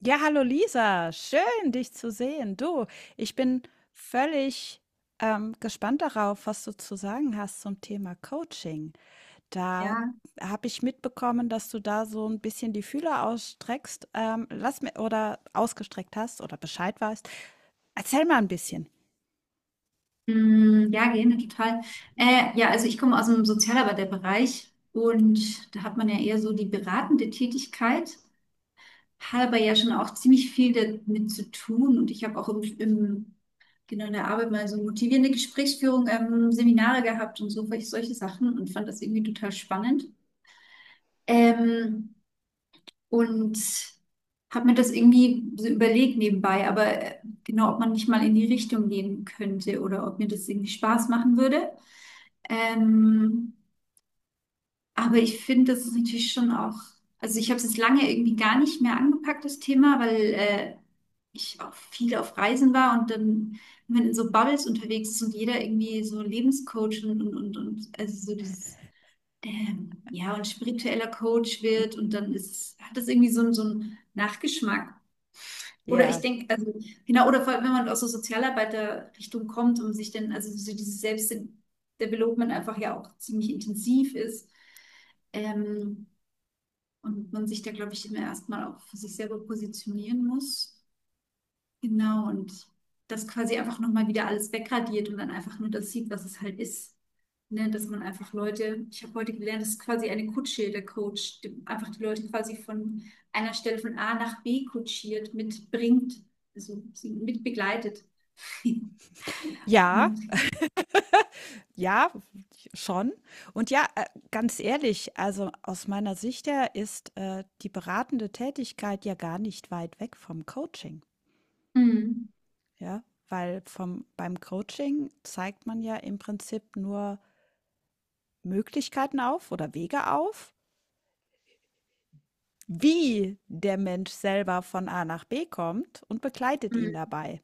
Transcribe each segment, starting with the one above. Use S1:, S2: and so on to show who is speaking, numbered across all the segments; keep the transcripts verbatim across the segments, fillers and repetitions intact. S1: Ja, hallo Lisa, schön dich zu sehen. Du, ich bin völlig ähm, gespannt darauf, was du zu sagen hast zum Thema Coaching. Da
S2: Ja,
S1: habe ich mitbekommen, dass du da so ein bisschen die Fühler ausstreckst, ähm, lass mir oder ausgestreckt hast oder Bescheid weißt. Erzähl mal ein bisschen.
S2: mm, ja, gerne, total. Äh, ja, also ich komme aus dem Sozialarbeiterbereich und da hat man ja eher so die beratende Tätigkeit, hat aber ja schon auch ziemlich viel damit zu tun und ich habe auch im, im, genau in der Arbeit mal so motivierende Gesprächsführung, ähm, Seminare gehabt und so, solche solche Sachen und fand das irgendwie total spannend. Ähm, und habe mir das irgendwie so überlegt nebenbei, aber äh, genau, ob man nicht mal in die Richtung gehen könnte oder ob mir das irgendwie Spaß machen würde. Ähm, aber ich finde, das ist natürlich schon auch, also ich habe es jetzt lange irgendwie gar nicht mehr angepackt, das Thema, weil äh, ich auch viel auf Reisen war und dann, wenn man in so Bubbles unterwegs ist und jeder irgendwie so Lebenscoach und, und, und, und also so dieses, ähm, ja, und spiritueller Coach wird und dann ist, hat das irgendwie so, einen- so einen Nachgeschmack. Oder ich
S1: Ja,
S2: denke, also, genau, oder vor allem, wenn man aus der Sozialarbeiterrichtung kommt und sich dann, also so dieses Selbstdevelopment einfach ja auch ziemlich intensiv ist, ähm, und man sich da, glaube ich, immer erstmal auch für sich selber positionieren muss. Genau, und das quasi einfach nochmal wieder alles wegradiert und dann einfach nur das sieht, was es halt ist. Ne, dass man einfach Leute, ich habe heute gelernt, das ist quasi eine Kutsche, der Coach, die einfach die Leute quasi von einer Stelle von A nach B kutschiert, mitbringt, also sie mit begleitet.
S1: ja,
S2: Und,
S1: ja, schon. Und ja, äh, ganz ehrlich, also aus meiner Sicht her ist äh, die beratende Tätigkeit ja gar nicht weit weg vom Coaching.
S2: mm,
S1: Ja, weil vom beim Coaching zeigt man ja im Prinzip nur Möglichkeiten auf oder Wege auf, wie der Mensch selber von A nach B kommt und begleitet ihn
S2: mm,
S1: dabei.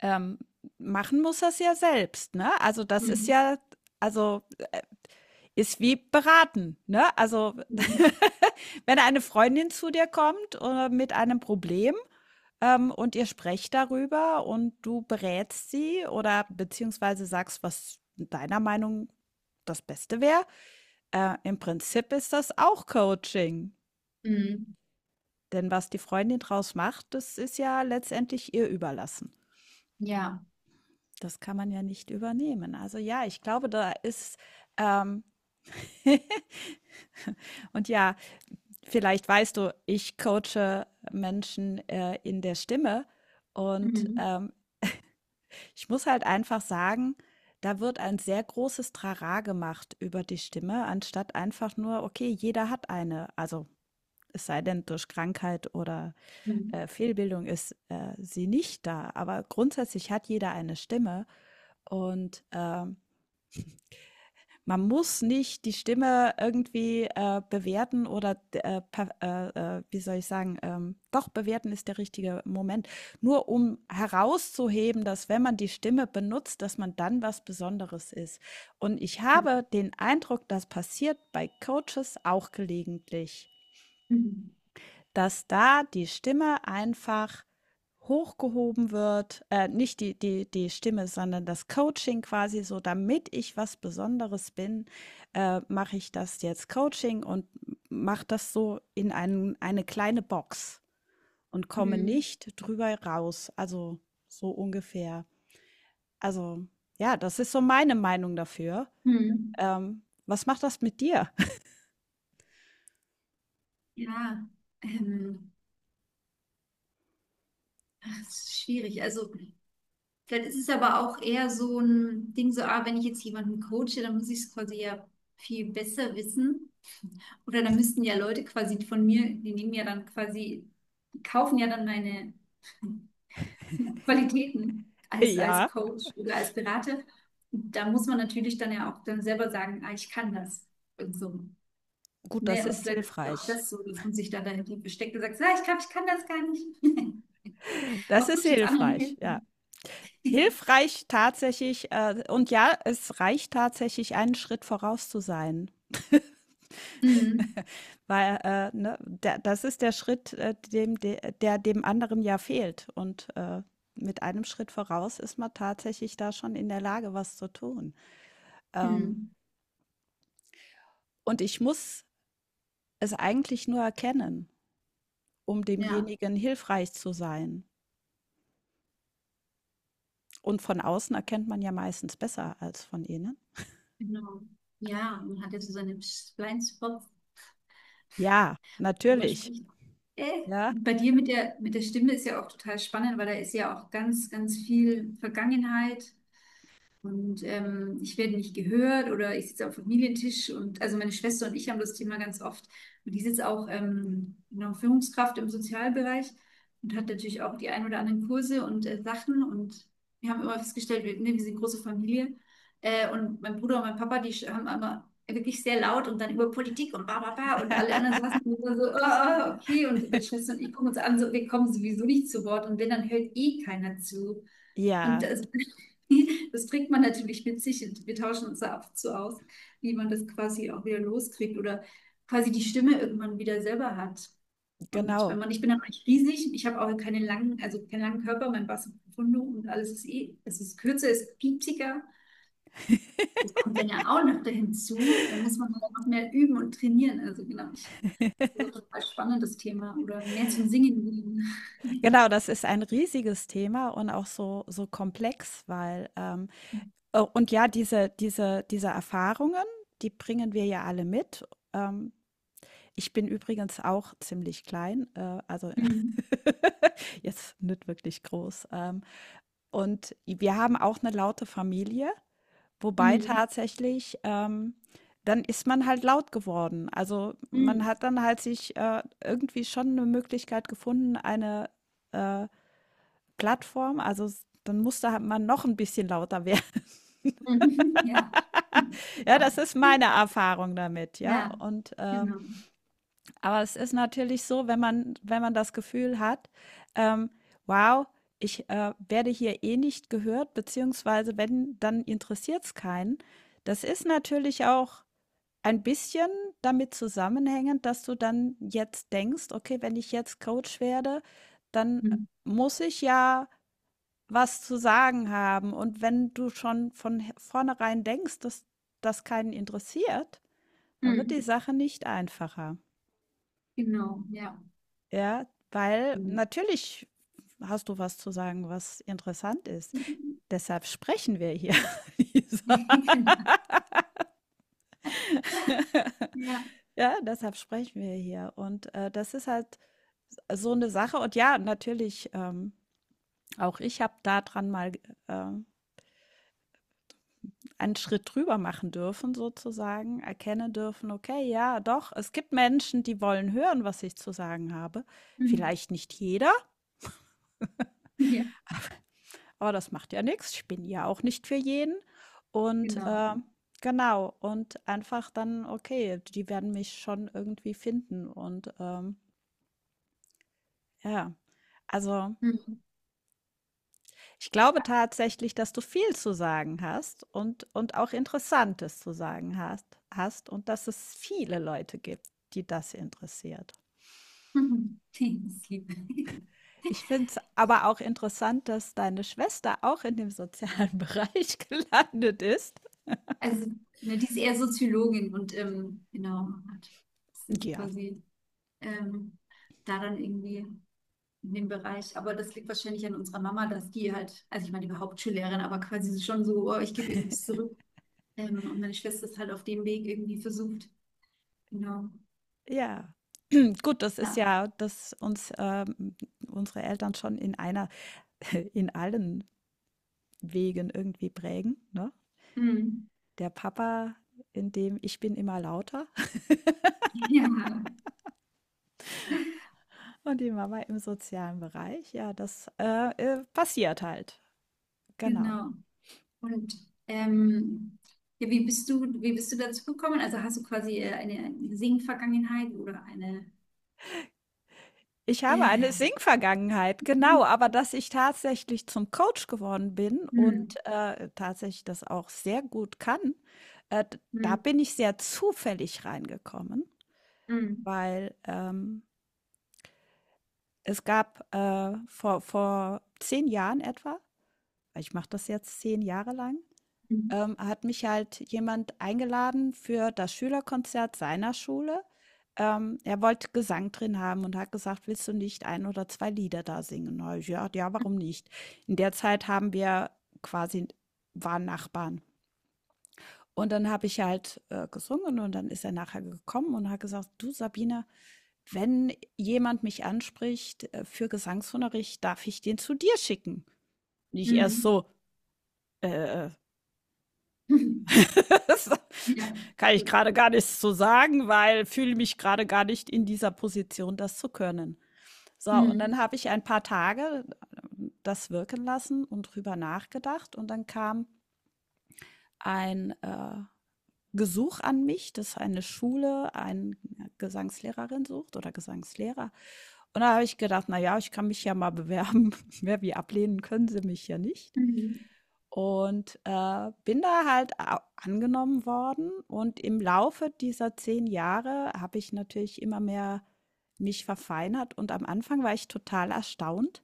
S1: Ähm, Machen muss er es ja selbst, ne? Also das ist
S2: mm,
S1: ja, also ist wie beraten, ne? Also
S2: mm,
S1: wenn eine Freundin zu dir kommt oder mit einem Problem. Ähm, und ihr sprecht darüber und du berätst sie oder beziehungsweise sagst, was deiner Meinung das Beste wäre. Äh, im Prinzip ist das auch Coaching,
S2: mm,
S1: denn was die Freundin draus macht, das ist ja letztendlich ihr überlassen.
S2: ja.
S1: Das kann man ja nicht übernehmen. Also ja, ich glaube, da ist ähm, und ja, vielleicht weißt du, ich coache Menschen äh, in der Stimme und
S2: Mm,
S1: ähm, ich muss halt einfach sagen, da wird ein sehr großes Trara gemacht über die Stimme, anstatt einfach nur, okay, jeder hat eine. Also es sei denn, durch Krankheit oder
S2: mm,
S1: äh, Fehlbildung ist äh, sie nicht da. Aber grundsätzlich hat jeder eine Stimme. Und äh, man muss nicht die Stimme irgendwie, äh, bewerten oder äh, pa äh, äh, wie soll ich sagen, ähm doch, bewerten ist der richtige Moment. Nur um herauszuheben, dass wenn man die Stimme benutzt, dass man dann was Besonderes ist. Und ich habe den Eindruck, das passiert bei Coaches auch gelegentlich.
S2: mm,
S1: Dass da die Stimme einfach hochgehoben wird, äh, nicht die die die Stimme, sondern das Coaching quasi so, damit ich was Besonderes bin, äh, mache ich das jetzt Coaching und mache das so in einen eine kleine Box und
S2: mm,
S1: komme
S2: mm,
S1: nicht drüber raus, also so ungefähr. Also, ja, das ist so meine Meinung dafür.
S2: mm.
S1: Ähm, was macht das mit dir?
S2: Ja, ähm, ach, es ist schwierig. Also vielleicht ist es aber auch eher so ein Ding, so, ah, wenn ich jetzt jemanden coache, dann muss ich es quasi ja viel besser wissen. Oder dann müssten ja Leute quasi von mir, die nehmen ja dann quasi, die kaufen ja dann meine Qualitäten als, als
S1: Ja,
S2: Coach oder als Berater. Und da muss man natürlich dann ja auch dann selber sagen, ah, ich kann das. Und so.
S1: gut, das
S2: Ne? Und
S1: ist
S2: vielleicht ist es auch
S1: hilfreich.
S2: das so, dass man sich dann dahinter versteckt und sagt, ja, ich kann, ich kann das gar nicht.
S1: Das
S2: Was
S1: ist
S2: soll ich uns anderen
S1: hilfreich, ja.
S2: helfen?
S1: Hilfreich tatsächlich, äh, und ja, es reicht tatsächlich, einen Schritt voraus zu sein.
S2: Mm,
S1: Weil, äh, ne, da- das ist der Schritt, äh, dem, de- der dem anderen ja fehlt. Und äh, mit einem Schritt voraus ist man tatsächlich da schon in der Lage, was zu tun. Ähm,
S2: mm,
S1: und ich muss es eigentlich nur erkennen, um
S2: ja.
S1: demjenigen hilfreich zu sein. Und von außen erkennt man ja meistens besser als von innen.
S2: Genau. Ja, man hat ja so seine Blindspots,
S1: Ja,
S2: wo man
S1: natürlich.
S2: spricht. Äh,
S1: Ja,
S2: und bei dir mit der, mit der Stimme ist ja auch total spannend, weil da ist ja auch ganz, ganz viel Vergangenheit. Und ähm, ich werde nicht gehört oder ich sitze am Familientisch und also meine Schwester und ich haben das Thema ganz oft. Und die sitzt auch ähm, eine Führungskraft im Sozialbereich und hat natürlich auch die ein oder anderen Kurse und äh, Sachen. Und wir haben immer festgestellt, wir, ne, wir sind eine große Familie. Äh, und mein Bruder und mein Papa, die sch- haben immer wirklich sehr laut und dann über Politik und ba, ba, ba. Und alle anderen saßen immer so, ah, ah, okay. Und meine Schwester und ich gucken uns an, so, wir kommen sowieso nicht zu Wort. Und wenn, dann hört eh keiner zu. Und
S1: ja,
S2: das, das bringt man natürlich mit sich. Und wir tauschen uns da ab und zu aus, wie man das quasi auch wieder loskriegt oder quasi die Stimme irgendwann wieder selber hat. Und wenn
S1: genau.
S2: man, ich bin dann eigentlich riesig, ich habe auch keine langen, also keinen langen Körper, mein Bass ist profundo und alles ist eh, es ist kürzer, es ist piepsiger. Das kommt dann ja auch noch hinzu. Dann muss man halt noch mehr üben und trainieren. Also genau, ich, das ist auch ein total spannendes Thema oder mehr zum Singen. Gehen.
S1: Genau, das ist ein riesiges Thema und auch so so komplex, weil, ähm äh, und ja, diese diese diese Erfahrungen, die bringen wir ja alle mit. Ähm, Ich bin übrigens auch ziemlich klein, äh, also
S2: Mhm.
S1: jetzt nicht wirklich groß. Ähm, und wir haben auch eine laute Familie, wobei
S2: Mhm.
S1: tatsächlich, ähm dann ist man halt laut geworden. Also, man
S2: Mhm.
S1: hat dann halt sich, äh, irgendwie schon eine Möglichkeit gefunden, eine, äh Plattform, also s dann muss da halt man noch ein bisschen lauter werden.
S2: Mhm. Ja.
S1: Ja, das ist meine Erfahrung damit, ja.
S2: Ja,
S1: Und, äh
S2: genau.
S1: aber es ist natürlich so, wenn man wenn man das Gefühl hat, ähm: „Wow, ich, äh, werde hier eh nicht gehört, beziehungsweise wenn, dann interessiert es keinen.“ Das ist natürlich auch ein bisschen damit zusammenhängend, dass du dann jetzt denkst: „Okay, wenn ich jetzt Coach werde, dann
S2: Mhm.
S1: muss ich ja was zu sagen haben. Und wenn du schon von he- vornherein denkst, dass das keinen interessiert, dann wird
S2: Mhm.
S1: die Sache nicht einfacher.“
S2: Genau, ja.
S1: Ja, weil
S2: Mhm.
S1: natürlich hast du was zu sagen, was interessant ist. Deshalb sprechen wir hier, Lisa.
S2: Genau. Ja.
S1: Ja, deshalb sprechen wir hier. Und äh, das ist halt so eine Sache. Und ja, natürlich, ähm, auch ich habe daran mal äh, einen Schritt drüber machen dürfen sozusagen, erkennen dürfen, okay, ja, doch, es gibt Menschen, die wollen hören, was ich zu sagen habe.
S2: Mhm.
S1: Vielleicht nicht jeder,
S2: Ja,
S1: aber das macht ja nichts. Ich bin ja auch nicht für jeden. Und
S2: genau.
S1: äh, genau, und einfach dann, okay, die werden mich schon irgendwie finden. Und ähm, ja, also
S2: Mhm.
S1: ich glaube tatsächlich, dass du viel zu sagen hast und, und auch Interessantes zu sagen hast, hast und dass es viele Leute gibt, die das interessiert.
S2: Mhm. Liebe.
S1: Ich finde es aber auch interessant, dass deine Schwester auch in dem sozialen Bereich gelandet ist.
S2: Also, ne, die ist eher Soziologin und ähm, genau, hat ist jetzt
S1: Ja.
S2: quasi ähm, da dann irgendwie in dem Bereich. Aber das liegt wahrscheinlich an unserer Mama, dass die halt, also ich meine, die war Hauptschullehrerin, aber quasi so schon so, oh, ich gebe irgendwas zurück. Ähm, und meine Schwester ist halt auf dem Weg irgendwie versucht, genau.
S1: Ja. Gut, das ist
S2: Ja.
S1: ja, dass uns ähm, unsere Eltern schon in einer in allen Wegen irgendwie prägen, ne?
S2: Mhm.
S1: Der Papa in dem ich bin immer lauter
S2: Ja,
S1: und die Mama im sozialen Bereich. Ja, das äh, äh, passiert halt. Genau.
S2: genau. Und ähm, ja, wie bist du, wie bist du dazu gekommen? Also hast du quasi äh, eine, eine Sing-Vergangenheit oder eine
S1: Ich habe
S2: äh,
S1: eine Sing-Vergangenheit, genau, aber dass ich tatsächlich zum Coach geworden bin und,
S2: mhm.
S1: äh, tatsächlich das auch sehr gut kann, äh, d da
S2: Mhm.
S1: bin ich sehr zufällig reingekommen,
S2: Mhm.
S1: weil, ähm, es gab, äh, vor vor zehn Jahren etwa, ich mache das jetzt zehn Jahre lang,
S2: Mhm.
S1: ähm, hat mich halt jemand eingeladen für das Schülerkonzert seiner Schule. Ähm, er wollte Gesang drin haben und hat gesagt, willst du nicht ein oder zwei Lieder da singen? Na, ich, ja, ja, warum nicht? In der Zeit haben wir quasi, waren Nachbarn. Und dann habe ich halt äh, gesungen und dann ist er nachher gekommen und hat gesagt, du Sabine, wenn jemand mich anspricht äh, für Gesangsunterricht, darf ich den zu dir schicken? Und ich erst
S2: Mhm.
S1: so, äh, äh,
S2: Mhm.
S1: Das
S2: Ja,
S1: kann ich
S2: gut.
S1: gerade gar nicht so sagen, weil fühle mich gerade gar nicht in dieser Position, das zu können. So, und
S2: Mhm.
S1: dann habe ich ein paar Tage äh, das wirken lassen und drüber nachgedacht. Und dann kam ein äh, Gesuch an mich, dass eine Schule eine Gesangslehrerin sucht oder Gesangslehrer. Und da habe ich gedacht, na ja, ich kann mich ja mal bewerben. Wer wie ablehnen können sie mich ja nicht.
S2: Mhm.
S1: Und, äh, bin da halt a angenommen worden und im Laufe dieser zehn Jahre habe ich natürlich immer mehr mich verfeinert, und am Anfang war ich total erstaunt,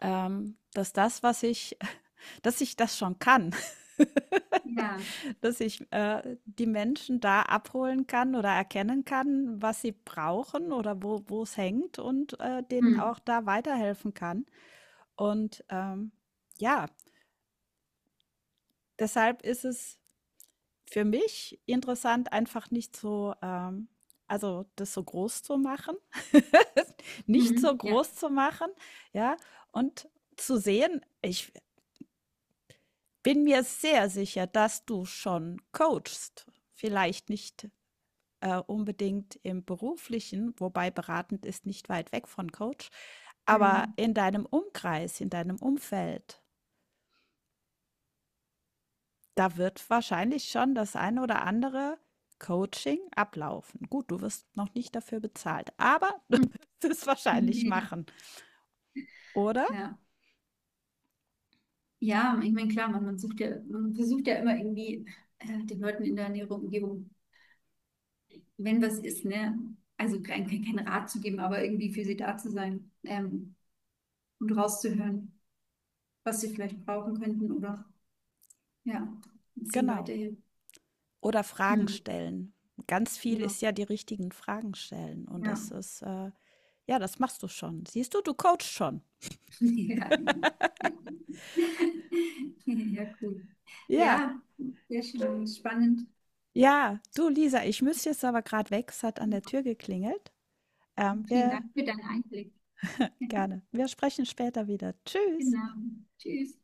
S1: ähm, dass das, was ich, dass ich das schon kann.
S2: Ja.
S1: Dass ich, äh, die Menschen da abholen kann oder erkennen kann, was sie brauchen oder wo wo es hängt und, äh, denen
S2: Mhm.
S1: auch da weiterhelfen kann. Und, ähm, ja, deshalb ist es für mich interessant, einfach nicht so, ähm also das so groß zu machen, nicht so
S2: Mhm. Ja.
S1: groß zu machen, ja, und zu sehen, ich bin mir sehr sicher, dass du schon coachst. Vielleicht nicht, äh, unbedingt im Beruflichen, wobei beratend ist nicht weit weg von Coach, aber
S2: Mhm.
S1: in deinem Umkreis, in deinem Umfeld. Da wird wahrscheinlich schon das ein oder andere Coaching ablaufen. Gut, du wirst noch nicht dafür bezahlt, aber du wirst es wahrscheinlich
S2: Ja.
S1: machen, oder?
S2: Ja. Ja, ich meine, klar, man, man sucht ja, man versucht ja immer irgendwie äh, den Leuten in der näheren Umgebung wenn was ist, ne? Also kein, kein Rat zu geben, aber irgendwie für sie da zu sein ähm, und rauszuhören, was sie vielleicht brauchen könnten oder ja, und sie ihnen
S1: Genau.
S2: weiterhin.
S1: Oder Fragen
S2: Hm,
S1: stellen. Ganz viel
S2: genau.
S1: ist ja die richtigen Fragen stellen. Und
S2: Ja.
S1: das ist, äh, ja, das machst du schon. Siehst du, du coachst schon.
S2: Ja. Ja, cool.
S1: Ja,
S2: Ja, sehr schön, spannend.
S1: ja, du Lisa, ich muss jetzt aber gerade weg. Es hat an der Tür geklingelt. Ähm,
S2: Vielen
S1: wir
S2: Dank für deinen Einblick.
S1: gerne. Wir sprechen später wieder. Tschüss.
S2: Genau. Tschüss.